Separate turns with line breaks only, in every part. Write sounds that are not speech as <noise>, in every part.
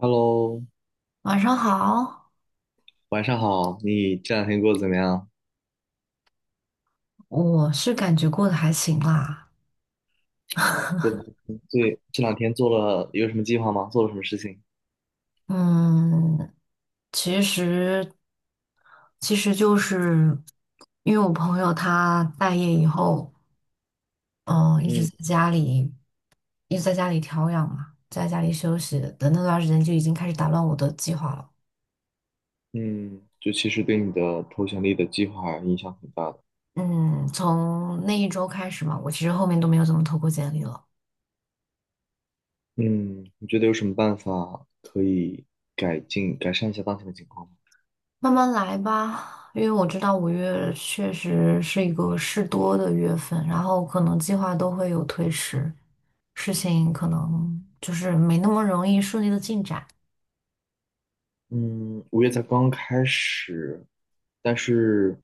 Hello，
晚上好，
晚上好。你这两天过得怎么样？
我是感觉过得还行啦。
过对，这两天做了有什么计划吗？做了什么事情？
嗯，其实其实就是因为我朋友他待业以后，嗯，一直
嗯
在家里一直在家里调养嘛，在家里休息的那段时间就已经开始打乱我的计划了。
嗯，就其实对你的投简历的计划影响很大的。
嗯，从那一周开始嘛，我其实后面都没有怎么投过简历了。
嗯，你觉得有什么办法可以改进、改善一下当前的情况吗？
慢慢来吧，因为我知道五月确实是一个事多的月份，然后可能计划都会有推迟，事情可能就是没那么容易顺利的进展，
嗯，五月才刚刚开始，但是。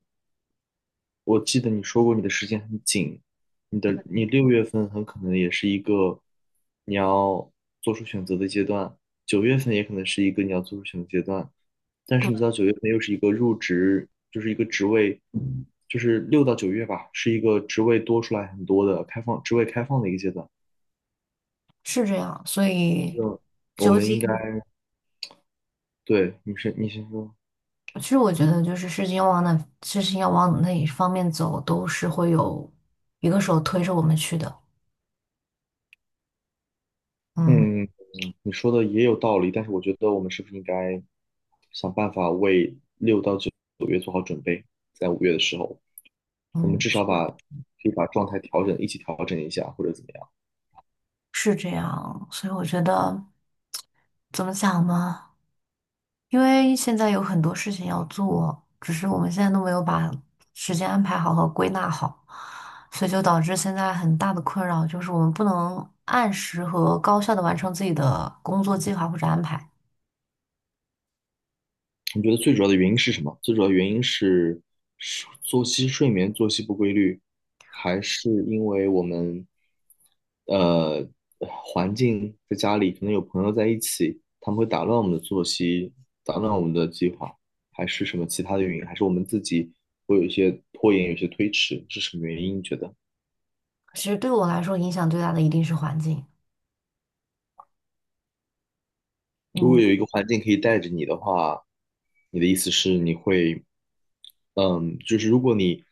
我记得你说过你的时间很紧，你六月份很可能也是一个你要做出选择的阶段，九月份也可能是一个你要做出选择阶段，但是你知道九月份又是一个入职，就是一个职位，就是六到九月吧，是一个职位多出来很多的开放职位开放的一个阶段。
是这样。所以，
我
究
们应该，
竟，
对，你先说，
其实我觉得就是事情要往哪一方面走，都是会有一个手推着我们去的。嗯。
嗯，你说的也有道理，但是我觉得我们是不是应该想办法为六到九月做好准备？在五月的时候，我们
嗯，
至少可以把状态调整，一起调整一下，或者怎么样？
是这样，所以我觉得怎么讲呢？因为现在有很多事情要做，只是我们现在都没有把时间安排好和归纳好，所以就导致现在很大的困扰就是我们不能按时和高效的完成自己的工作计划或者安排。
你觉得最主要的原因是什么？最主要的原因是作息、睡眠、作息不规律，还是因为我们呃环境在家里可能有朋友在一起，他们会打乱我们的作息，打乱我们的计划，还是什么其他的原因？还是我们自己会有一些拖延，有一些推迟，是什么原因？你觉得？
其实对我来说，影响最大的一定是环境。
如
嗯。
果有一个环境可以带着你的话，你的意思是你会，就是如果你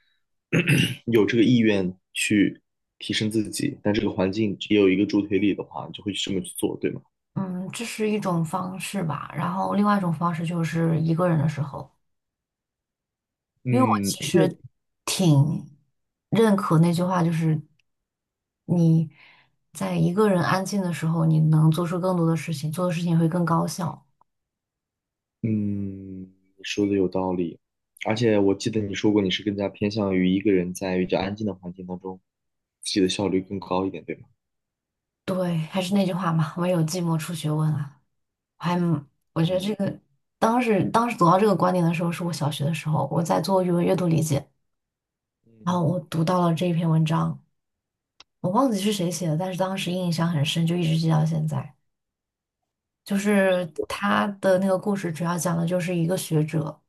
<clears throat> 有这个意愿去提升自己，但这个环境也有一个助推力的话，你就会去这么去做，对吗？
嗯，这是一种方式吧。然后另外一种方式就是一个人的时候。因为我
嗯，
其
那
实挺认可那句话，就是你在一个人安静的时候，你能做出更多的事情，做的事情会更高效。
嗯，你说的有道理，而且我记得你说过你是更加偏向于一个人在比较安静的环境当中，自己的效率更高一点，对吗？
对，还是那句话嘛，唯有寂寞出学问啊。我还蛮我觉得
嗯
这个当时走到这个观点的时候，是我小学的时候，我在做语文阅读理解，然后我读到了这一篇文章，我忘记是谁写的，但是当时印象很深，就一直记到现在。就是他的那个故事，主要讲的就是一个学者，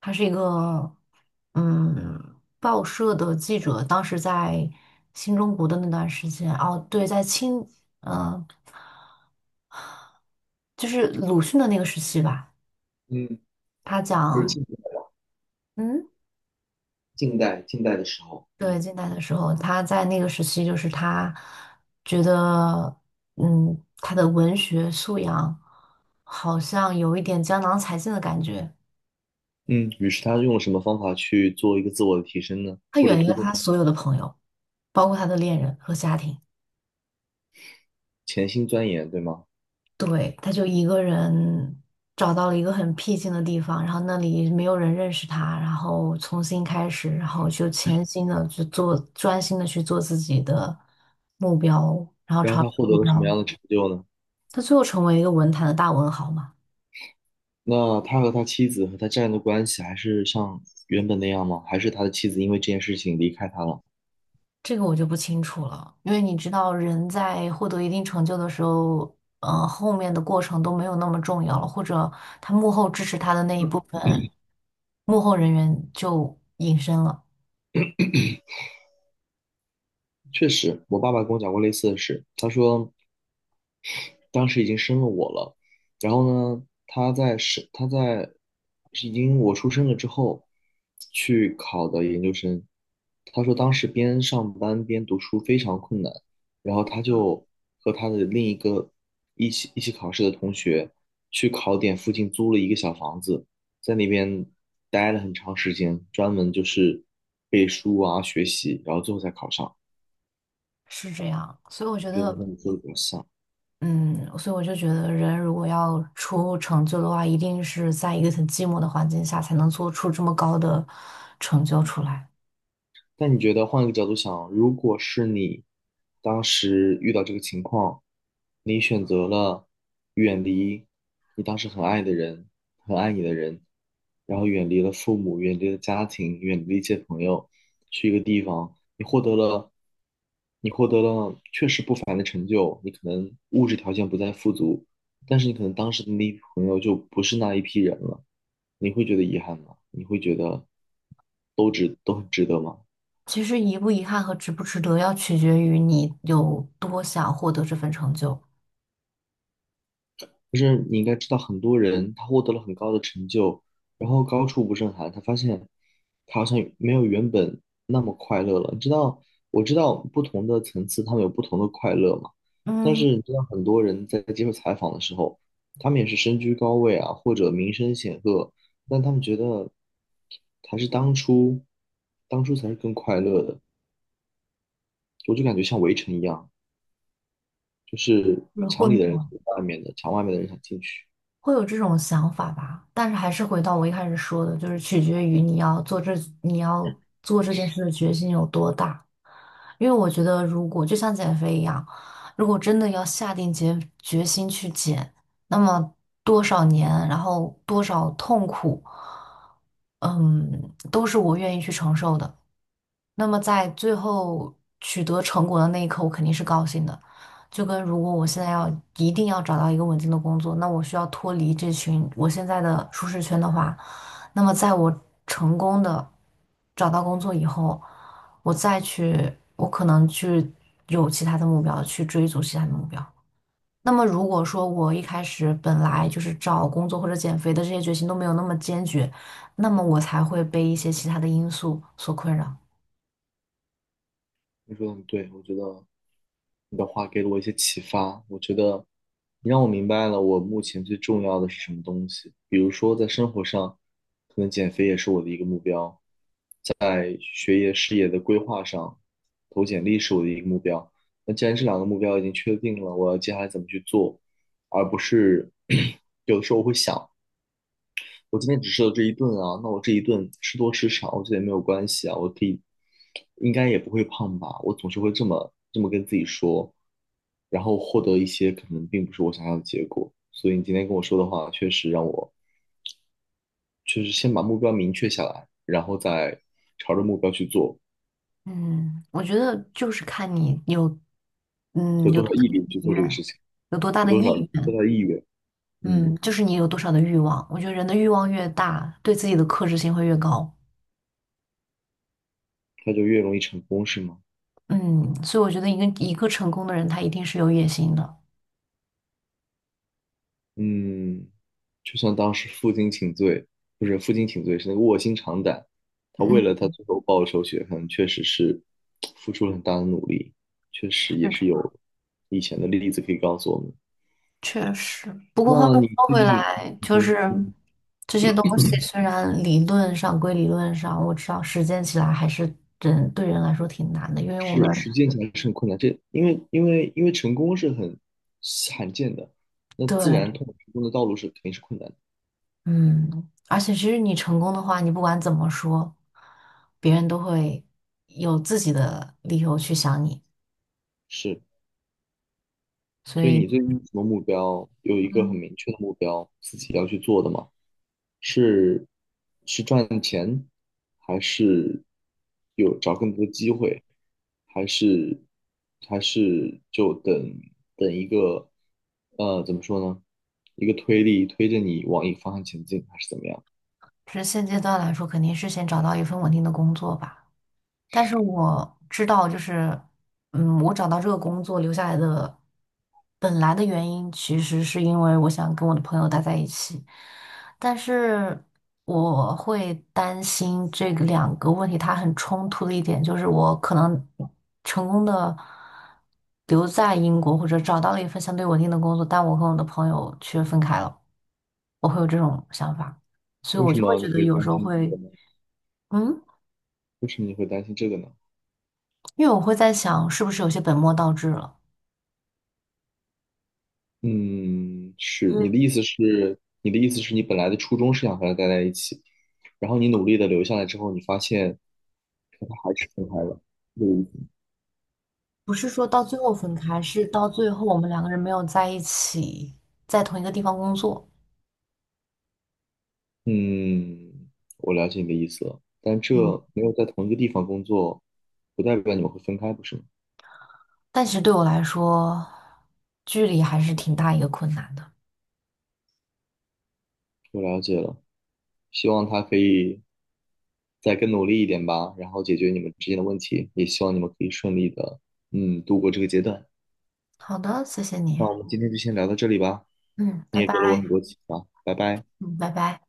他是一个报社的记者，当时在新中国的那段时间，哦，对，在清，嗯、呃就是鲁迅的那个时期吧。
嗯，
他
就是
讲，
近代
嗯，
近代近代的时候，
对，
嗯。
近代的时候，他在那个时期，就是他觉得，嗯，他的文学素养好像有一点江郎才尽的感觉。
嗯，于是他用了什么方法去做一个自我的提升呢？
他
或者
远离
突
了
破自
他所
我
有的朋友。包括他的恋人和家庭。
潜心钻研，对吗？
对，他就一个人找到了一个很僻静的地方，然后那里没有人认识他，然后重新开始，然后就潜心的去做，专心的去做自己的目标，
然后他获得
目
了什么
标。
样的成就呢？
他最后成为一个文坛的大文豪嘛，
那他和他妻子和他家人的关系还是像原本那样吗？还是他的妻子因为这件事情离开他了？
这个我就不清楚了，因为你知道，人在获得一定成就的时候，后面的过程都没有那么重要了，或者他幕后支持他的那一部分幕后人员就隐身了。
确实，我爸爸跟我讲过类似的事，他说。当时已经生了我了，然后呢，他在已经我出生了之后去考的研究生，他说当时边上班边读书非常困难，然后他就和他的另一个一起考试的同学去考点附近租了一个小房子，在那边待了很长时间，专门就是背书啊学习，然后最后才考上。
是这样，所以我觉
我觉
得，
得和你说的比较像。
嗯，所以我就觉得，人如果要出成就的话，一定是在一个很寂寞的环境下，才能做出这么高的成就出来。
但你觉得换一个角度想，如果是你当时遇到这个情况，你选择了远离你当时很爱的人，很爱你的人，然后远离了父母，远离了家庭，远离了一些朋友，去一个地方，你获得了确实不凡的成就，你可能物质条件不再富足，但是你可能当时的那一批朋友就不是那一批人了，你会觉得遗憾吗？你会觉得都值，都很值得吗？
其实遗不遗憾和值不值得，要取决于你有多想获得这份成就。
就是你应该知道，很多人他获得了很高的成就，然后高处不胜寒，他发现他好像没有原本那么快乐了。你知道，我知道不同的层次他们有不同的快乐嘛，但
嗯，
是你知道，很多人在接受采访的时候，他们也是身居高位啊，或者名声显赫，但他们觉得还是当初，当初才是更快乐的。我就感觉像围城一样，就是
是会
墙里的人
有
想外面的，墙外面的人想进去。
会有这种想法吧，但是还是回到我一开始说的，就是取决于你要做这件事的决心有多大。因为我觉得，如果就像减肥一样，如果真的要下定决心去减，那么多少年，然后多少痛苦，嗯，都是我愿意去承受的。那么在最后取得成果的那一刻，我肯定是高兴的。就跟如果我现在要一定要找到一个稳定的工作，那我需要脱离这群我现在的舒适圈的话，那么在我成功的找到工作以后，我再去，我可能去有其他的目标，去追逐其他的目标。那么如果说我一开始本来就是找工作或者减肥的这些决心都没有那么坚决，那么我才会被一些其他的因素所困扰。
你说的很对，我觉得。你的话给了我一些启发，我觉得你让我明白了我目前最重要的是什么东西。比如说，在生活上，可能减肥也是我的一个目标；在学业、事业的规划上，投简历是我的一个目标。那既然这两个目标已经确定了，我要接下来怎么去做，而不是 <clears throat> 有的时候我会想。我今天只吃了这一顿啊，那我这一顿吃多吃少，我觉得也没有关系啊，我可以，应该也不会胖吧？我总是会这么跟自己说，然后获得一些可能并不是我想要的结果。所以你今天跟我说的话，确实让我就是先把目标明确下来，然后再朝着目标去做，
嗯，我觉得就是看你有，嗯，
有
有
多少
多大
毅
的
力
意
去做这个
愿，
事情，
有多大
有
的
多少
意
多
愿，
大意愿，嗯，
嗯，就是你有多少的欲望。我觉得人的欲望越大，对自己的克制性会越高。
它就越容易成功，是吗？
嗯，所以我觉得一个成功的人，他一定是有野心的。
嗯，就像当时负荆请罪，不是负荆请罪，是那个卧薪尝胆。他为
嗯，
了他最后报仇雪恨，确实是付出了很大的努力，确
是
实也
这
是
样。
有以前的例子可以告诉我们。
确实。不过话
那
又
你
说
最
回
近
来，就是
嗯
这些东西虽然理论上归理论上，我知道实践起来还是人对人来说挺难的，因为我们
是实践起来是很困难，这因为成功是很罕见的，那自然
对。
通往成功的道路肯定是困难的。
嗯，而且其实你成功的话，你不管怎么说，别人都会有自己的理由去想你，
是，
所
所以
以，
你最近有什么目标？有一个很
嗯，
明确的目标，自己要去做的吗？是是赚钱，还是有找更多的机会，还是还是就等一个怎么说呢？一个推力推着你往一个方向前进，还是怎么样？
是现阶段来说，肯定是先找到一份稳定的工作吧。但是我知道，就是，嗯，我找到这个工作留下来的本来的原因，其实是因为我想跟我的朋友待在一起，但是我会担心这个两个问题它很冲突的一点，就是我可能成功的留在英国，或者找到了一份相对稳定的工作，但我跟我的朋友却分开了，我会有这种想法，所以
为
我
什
就会
么你
觉得
会
有
担
时候
心这个
会，
呢？
嗯，
为什么你会担心这个呢？
因为我会在想，是不是有些本末倒置了。
嗯，
对，
你的意思是你本来的初衷是想和他待在一起，然后你努力的留下来之后，你发现跟他还是分开了，这
不是说到最后分开，是到最后我们两个人没有在一起，在同一个地方工作。
嗯，嗯我了解你的意思了，但这
嗯，
没有在同一个地方工作，不代表你们会分开，不是吗？
但其实对我来说，距离还是挺大一个困难的。
我了解了，希望他可以再更努力一点吧，然后解决你们之间的问题，也希望你们可以顺利的，度过这个阶段。
好的，谢谢你。
那我们今天就先聊到这里吧，
嗯，
你
拜
也给了
拜。
我很多启发，拜拜。
嗯，拜拜。